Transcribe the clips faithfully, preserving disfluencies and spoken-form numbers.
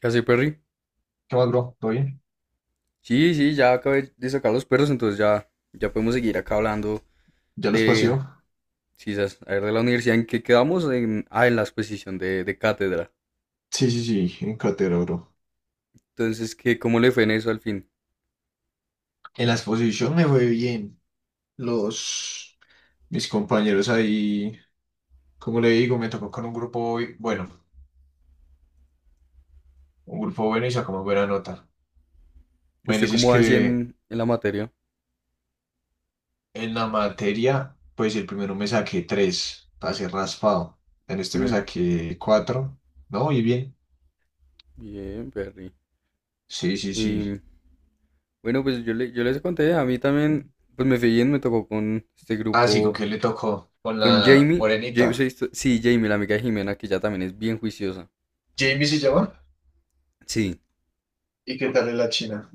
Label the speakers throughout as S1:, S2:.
S1: ¿Qué hace, Perry?
S2: ¿Qué más, bro? ¿Todo bien?
S1: Sí, sí, ya acabé de sacar los perros, entonces ya, ya podemos seguir acá hablando
S2: ¿Ya los
S1: de,
S2: paseó?
S1: sí, sas- a ver, de la universidad en que quedamos, en, ah, en la exposición de, de cátedra.
S2: Sí, sí, sí, en cátedra, bro.
S1: Entonces, ¿qué, cómo le fue en eso al fin?
S2: En la exposición me fue bien. Los, mis compañeros ahí, como le digo, me tocó con un grupo, bi- bueno, un grupo bueno y sacamos buena nota.
S1: ¿Y
S2: Bueno,
S1: usted
S2: es
S1: cómo va así
S2: que
S1: en, en la materia?
S2: en la materia, pues el primero me saqué tres, para ser raspado. En este me
S1: Mm,
S2: saqué cuatro, ¿no? Y bien.
S1: bien, Perry.
S2: Sí, sí, sí.
S1: Y bueno, pues yo, le, yo les conté, a mí también, pues me fue bien, me tocó con este
S2: Ah, sí, ¿con
S1: grupo,
S2: quién le tocó? Con
S1: con
S2: la
S1: Jamie. Ja- sí,
S2: morenita.
S1: esto- sí, Jamie, la amiga de Jimena, que ya también es bien juiciosa.
S2: Jamie se llama.
S1: Sí.
S2: ¿Y qué tal es la china?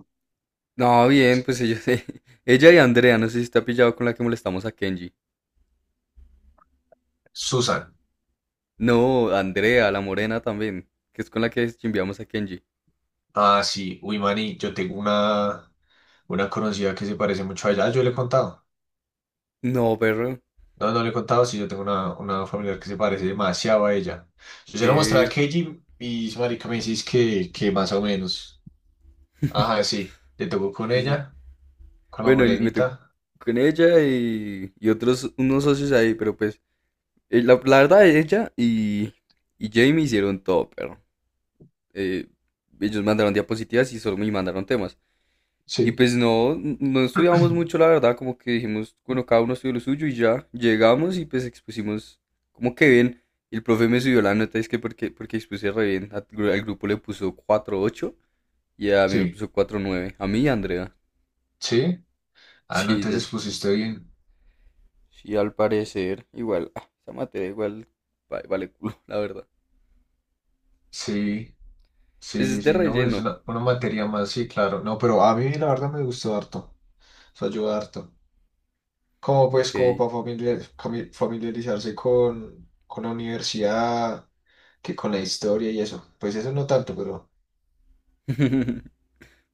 S1: No, bien, pues ellos, ella y Andrea, no sé si está pillado con la que molestamos a Kenji.
S2: Susan.
S1: No, Andrea, la morena también, que es con la que chimbiamos a Kenji.
S2: Ah, sí, uy, Mani, yo tengo una, una conocida que se parece mucho a ella. Ah, yo le he contado.
S1: No, perro,
S2: No, no le he contado, sí, yo tengo una, una familiar que se parece demasiado a ella. Yo se la mostré a
S1: ve,
S2: Keiji y su marica me dice que, que más o menos. Ajá, sí, le tocó con
S1: pues,
S2: ella, con la
S1: bueno, y me tocó
S2: morenita.
S1: con ella y, y otros, unos socios ahí, pero pues, eh, la, la verdad, ella y, y Jamie hicieron todo, perro. Eh, Ellos mandaron diapositivas y solo me mandaron temas. Y
S2: Sí,
S1: pues no, no estudiábamos mucho, la verdad, como que dijimos, bueno, cada uno estudió lo suyo y ya llegamos y pues expusimos como que bien. Y el profe me subió la nota, es que porque, porque expuse re bien. Al gru- al grupo le puso cuatro punto ocho y a mí me
S2: sí,
S1: puso cuatro punto nueve. A mí y a Andrea.
S2: sí. Ah, no,
S1: Sí, ya-
S2: entonces pusiste bien.
S1: sí, al parecer, igual, ah, esa materia igual va- vale culo, la verdad.
S2: Sí,
S1: Pues
S2: sí,
S1: es
S2: sí,
S1: de
S2: sí, no, es
S1: relleno,
S2: una, una materia más, sí, claro. No, pero a mí la verdad me gustó harto, eso ayuda harto. Como pues como
S1: ok.
S2: para familiarizarse con, con la universidad, que con la historia y eso. Pues eso no tanto, pero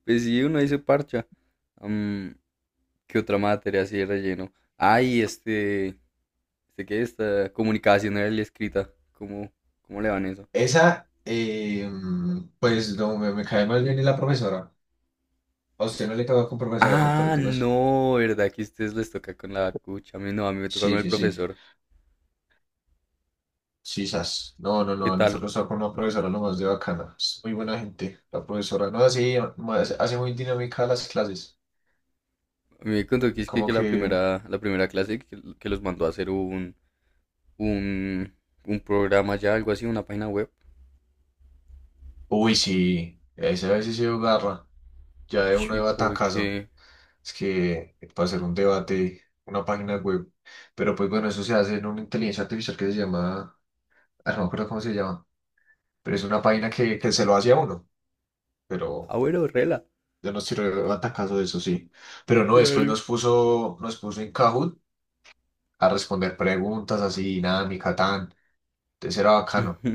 S1: Pues sí, uno dice parcha. Am, ¿Qué otra materia así de relleno? Ay, este. Sé que esta comunicación era la escrita. ¿Cómo, ¿Cómo le van eso?
S2: esa, eh, mm, pues no, me, me cae más bien la profesora. A usted no le toca con profesora, ¿cierto? Le
S1: Ah,
S2: toca eso.
S1: no, ¿verdad? Que a ustedes les toca con la cucha. A mí no, a mí me toca con
S2: Sí,
S1: el
S2: sí, sí.
S1: profesor.
S2: Sí, sas. No, no,
S1: ¿Qué
S2: no.
S1: tal?
S2: Nosotros estamos con una profesora nomás de bacana. Es muy buena gente. La profesora, no, así, hace muy dinámica las clases.
S1: A mí me contó que es que,
S2: Como
S1: que la
S2: que,
S1: primera, la primera clase que, que los mandó a hacer un, un, un programa ya, algo así, una página web.
S2: uy, sí, esa vez sí se agarra. Ya
S1: Uy,
S2: de uno de
S1: ¿y por
S2: batacazo.
S1: qué?
S2: Es que para hacer un debate, una página web. Pero pues bueno, eso se hace en una inteligencia artificial que se llama, ah, no me acuerdo cómo se llama, pero es una página que, que se lo hace a uno.
S1: Ah,
S2: Pero
S1: bueno, rela.
S2: yo no estoy relevante caso de eso, sí. Pero no, después
S1: Claro.
S2: nos puso, nos puso en Kahoot a responder preguntas así, dinámica, tan. Entonces era bacano.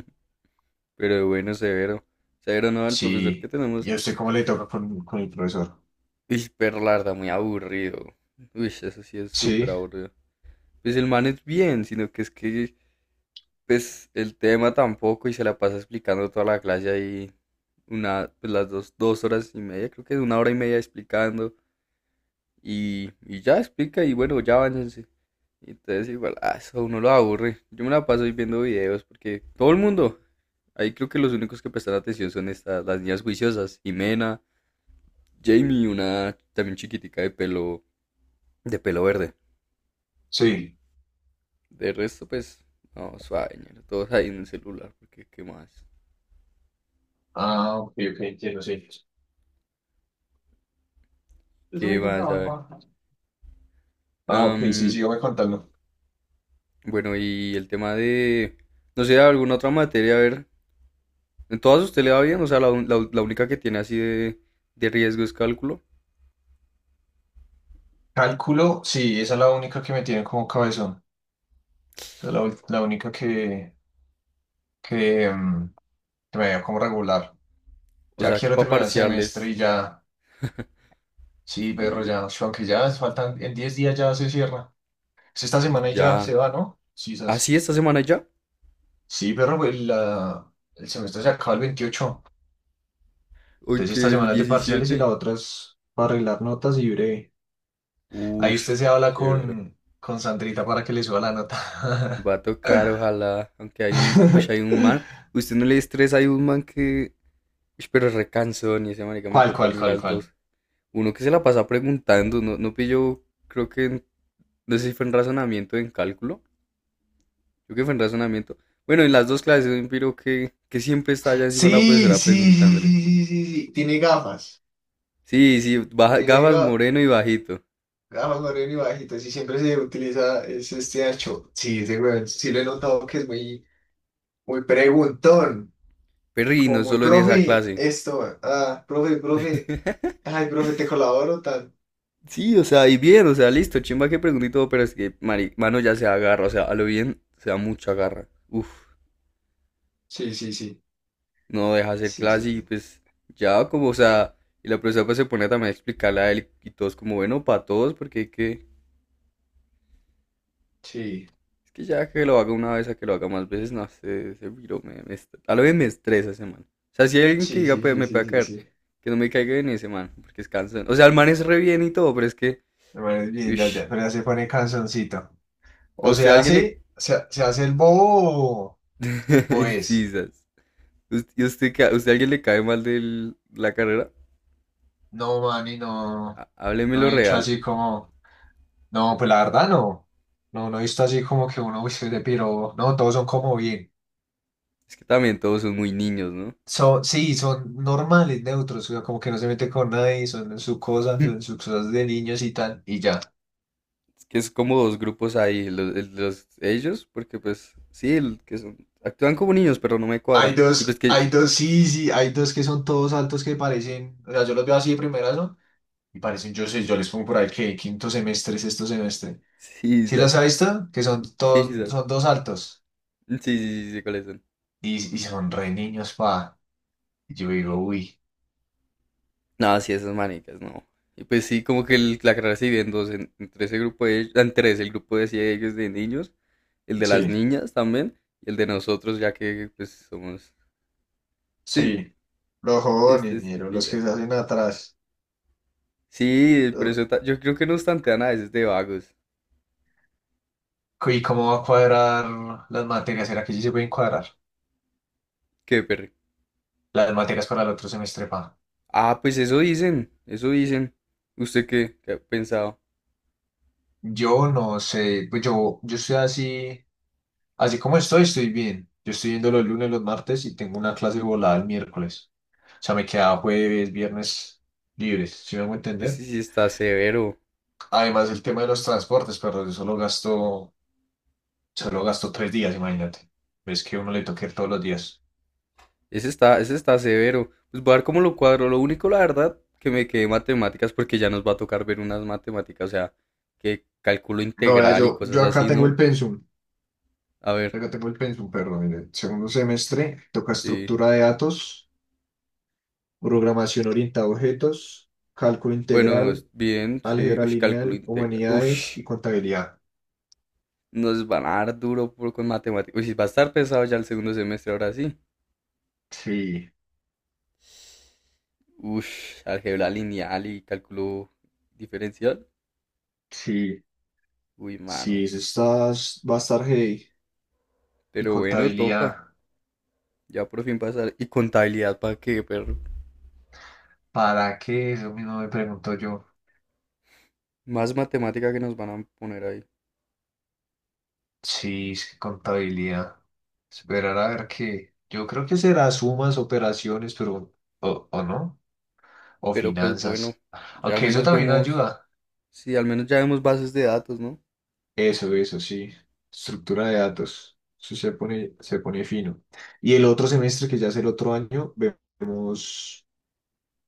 S1: Pero bueno, severo. Severo, no, el profesor que
S2: Sí.
S1: tenemos.
S2: ¿Y a usted cómo le toca con, con el profesor?
S1: Uy, pero la verdad, muy aburrido. Uy, eso sí es súper
S2: Sí,
S1: aburrido. Pues el man es bien, sino que es que pues el tema tampoco y se la pasa explicando toda la clase ahí una, pues las dos, dos horas y media, creo que es una hora y media explicando y, y ya explica y bueno, ya váyanse. Entonces igual, ah, eso a uno lo aburre. Yo me la paso ahí viendo videos porque todo el mundo, ahí creo que los únicos que prestan atención son estas, las niñas juiciosas, Jimena, Jamie, una también chiquitica de pelo, de pelo verde.
S2: sí.
S1: De resto, pues, no, suave, ñero, todos ahí en el celular, porque qué más,
S2: Ah, ok, ok, entiendo, sí. Es un
S1: qué más, a ver.
S2: microtrabajo. Ah, ok, sí,
S1: Am,
S2: sígame contando.
S1: Bueno, y el tema de, no sé, alguna otra materia, a ver, en todas usted le va bien, o sea, la, un- la u- la única que tiene así de, de riesgo es cálculo,
S2: Cálculo, sí, esa es la única que me tiene como cabezón. Esa es la, ul- la única que, que, mm, que me veo como regular.
S1: o
S2: Ya
S1: sea, que
S2: quiero
S1: para
S2: terminar el semestre
S1: parciales,
S2: y ya, sí, Pedro,
S1: sí,
S2: ya, sh- aunque ya faltan, en diez días ya se cierra. Es esta semana y ya se
S1: ya,
S2: va, ¿no? Sí,
S1: así
S2: esas-
S1: esta semana ya,
S2: sí, Pedro, el la- el semestre se acaba el veintiocho.
S1: hoy
S2: Entonces esta
S1: que es
S2: semana es de parciales y la
S1: diecisiete,
S2: otra es para arreglar notas y breve. Ahí usted se
S1: uff,
S2: habla
S1: chévere,
S2: con, con Sandrita para que le suba la nota.
S1: va a tocar, ojalá, aunque hay un, uy, hay un man, usted no le estresa, hay un man que, uy, pero es recansón, y ese marica me
S2: ¿Cuál,
S1: toca a
S2: cuál,
S1: mí
S2: cuál,
S1: las
S2: cuál?
S1: dos, uno que se la pasa preguntando, no, no pillo, creo que, en- no sé si fue en razonamiento, o en cálculo. Yo que fue en razonamiento. Bueno, en las dos clases un piro que, que siempre está allá encima de la
S2: Sí,
S1: profesora
S2: sí, sí,
S1: preguntándole.
S2: sí, sí, sí, sí. Tiene gafas.
S1: Sí, sí, baja-
S2: Tiene
S1: gafas,
S2: ga-
S1: moreno y bajito.
S2: gafas moreno y bajitas y siempre se utiliza ese este ancho. Sí, ese weón, sí lo he notado que es muy, muy preguntón.
S1: Perri,
S2: Como
S1: no
S2: muy,
S1: solo en esa
S2: profe,
S1: clase.
S2: esto, ah, profe, profe. Ay, profe, te colaboro tal.
S1: Sí, o sea, y bien, o sea, listo, chimba que pregunté y todo, pero es que, mari- mano, ya se agarra, o sea, a lo bien, se da mucha garra. Uf,
S2: Sí, sí, sí.
S1: no deja hacer
S2: Sí, sí.
S1: clase y pues, ya como, o sea, y la profesora pues se pone también a explicarle a él y todos como, bueno, para todos, porque hay que,
S2: Sí,
S1: es que ya que lo haga una vez a que lo haga más veces, no sé, ese virus me, me est- a lo bien me estresa ese man. O sea, si hay alguien que
S2: sí,
S1: diga,
S2: sí,
S1: pues
S2: sí,
S1: me
S2: sí,
S1: puede
S2: sí,
S1: caer,
S2: sí.
S1: que no me caiga bien ese man, porque es cansón. O sea, el man es re bien y todo, pero es que,
S2: Bueno, es bien, ya,
S1: ush,
S2: ya, pero ya se pone canzoncito.
S1: a
S2: O se
S1: usted alguien le.
S2: hace, se, se hace el bobo o, o
S1: Sí,
S2: es.
S1: sas. Us- ¿Y usted, qué- usted alguien le cae mal de la carrera?
S2: No, mani, no.
S1: Há- Hábleme
S2: No
S1: lo
S2: he dicho
S1: real.
S2: así como, no, pues la verdad no. No, no he visto así como que uno, uy, soy de piro. No, todos son como bien.
S1: Es que también todos son muy niños, ¿no?
S2: Son, sí, son normales, neutros, o sea, como que no se meten con nadie, son en su cosa, son en sus cosas de niños y tal, y ya.
S1: Es que es como dos grupos ahí, los, el- los- ellos, porque pues sí, el que son, actúan como niños, pero no me
S2: Hay
S1: cuadra. Y pues
S2: dos,
S1: que,
S2: hay dos, sí, sí, hay dos que son todos altos que parecen, o sea, yo los veo así de primeras, ¿no? Y parecen, yo sé, yo les pongo por ahí que quinto semestre, sexto semestre.
S1: sí,
S2: ¿Sí los ha
S1: sas.
S2: visto? Que son
S1: Sí,
S2: todos,
S1: quizás.
S2: son dos altos.
S1: Sí, sí, sí, sí, cuáles son.
S2: Y, y son re niños, pa. Y yo digo, uy.
S1: No, sí, esas manicas, no. Y pues sí, como que el- la carrera se divide en dos, en- entre ese grupo de, en tres, el grupo de ciegos de niños, el de las
S2: Sí,
S1: niñas también, y el de nosotros, ya que pues somos. Sí, sí,
S2: sí, los
S1: este
S2: jóvenes,
S1: sí
S2: ñero, los
S1: pilla.
S2: que se
S1: que-
S2: hacen atrás.
S1: Sí, pero
S2: Uh,
S1: eso ta- yo creo que nos tantean a veces de vagos.
S2: ¿Y cómo va a cuadrar las materias? ¿Será que sí se pueden cuadrar
S1: Qué perro.
S2: las materias para el otro semestre, pa?
S1: Ah, pues eso dicen, eso dicen. ¿Usted qué, qué ha pensado?
S2: Yo no sé, pues yo, yo estoy así, así, como estoy, estoy bien. Yo estoy yendo los lunes, los martes y tengo una clase volada el miércoles. O sea, me queda jueves, viernes libres, ¿si me hago entender?
S1: Ese sí está severo.
S2: Además, el tema de los transportes, pero yo solo gasto, solo gasto tres días, imagínate. Ves que uno le toca ir todos los días.
S1: Ese está, ese está severo. Pues voy a ver cómo lo cuadro. Lo único, la verdad, que me quedé matemáticas porque ya nos va a tocar ver unas matemáticas, o sea, que cálculo
S2: No, vea,
S1: integral y
S2: yo,
S1: cosas
S2: yo acá
S1: así,
S2: tengo el
S1: ¿no?
S2: pensum,
S1: A ver,
S2: acá tengo el pensum, perdón, en el segundo semestre toca
S1: sí.
S2: estructura de datos, programación orientada a objetos, cálculo
S1: Bueno, es-
S2: integral,
S1: bien, sí.
S2: álgebra
S1: Uy, cálculo
S2: lineal,
S1: integral. Uy,
S2: humanidades y contabilidad.
S1: nos van a dar duro por, con matemáticas. Uy, sí, va a estar pesado ya el segundo semestre, ahora sí.
S2: Sí,
S1: Uy, álgebra lineal y cálculo diferencial.
S2: sí,
S1: Uy, mano.
S2: sí, eso está, va a estar heavy. ¿Y
S1: Pero bueno, toca.
S2: contabilidad?
S1: Ya por fin pasar. Y contabilidad, ¿para qué, perro?
S2: ¿Para qué? Eso mismo me pregunto yo.
S1: Más matemática que nos van a poner ahí.
S2: Sí, es que contabilidad. Esperar a ver qué. Yo creo que será sumas, operaciones, pero... ¿O, o no? O
S1: Pero pues bueno,
S2: finanzas.
S1: ya al
S2: Aunque eso
S1: menos
S2: también
S1: vemos,
S2: ayuda.
S1: sí, al menos ya vemos bases de datos, ¿no?
S2: Eso, eso, sí. Estructura de datos. Eso se pone, se pone fino. Y el otro semestre, que ya es el otro año, vemos,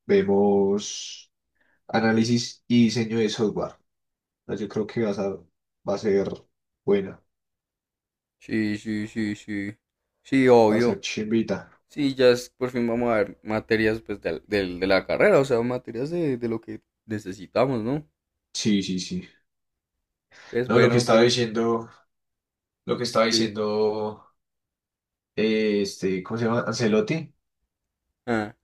S2: vemos análisis y diseño de software. Ah, yo creo que vas a, va a ser buena.
S1: Sí, sí, sí, sí. Sí,
S2: Va a ser
S1: obvio.
S2: chimbita.
S1: Sí, ya es- por fin vamos a ver materias pues del- del- de, la carrera, o sea, materias de, de lo que necesitamos, ¿no?
S2: Sí, sí, sí.
S1: Es
S2: No, lo que
S1: bueno,
S2: estaba
S1: Perry.
S2: diciendo, lo que estaba
S1: Sí.
S2: diciendo, eh, este, ¿cómo se llama? Ancelotti.
S1: Ah,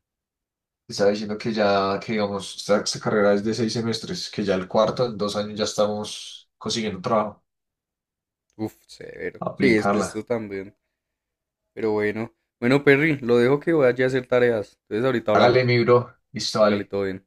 S2: Estaba diciendo que ya, que digamos, esta, esta carrera es de seis semestres, que ya el cuarto, en dos años ya estamos consiguiendo trabajo.
S1: uf, severo. Sí, es que
S2: Aplicarla.
S1: esto también. Pero bueno. Bueno, Perry, lo dejo que vaya a hacer tareas. Entonces ahorita
S2: Hágale
S1: hablamos.
S2: mi bro, listo,
S1: Hágale
S2: vale.
S1: todo bien.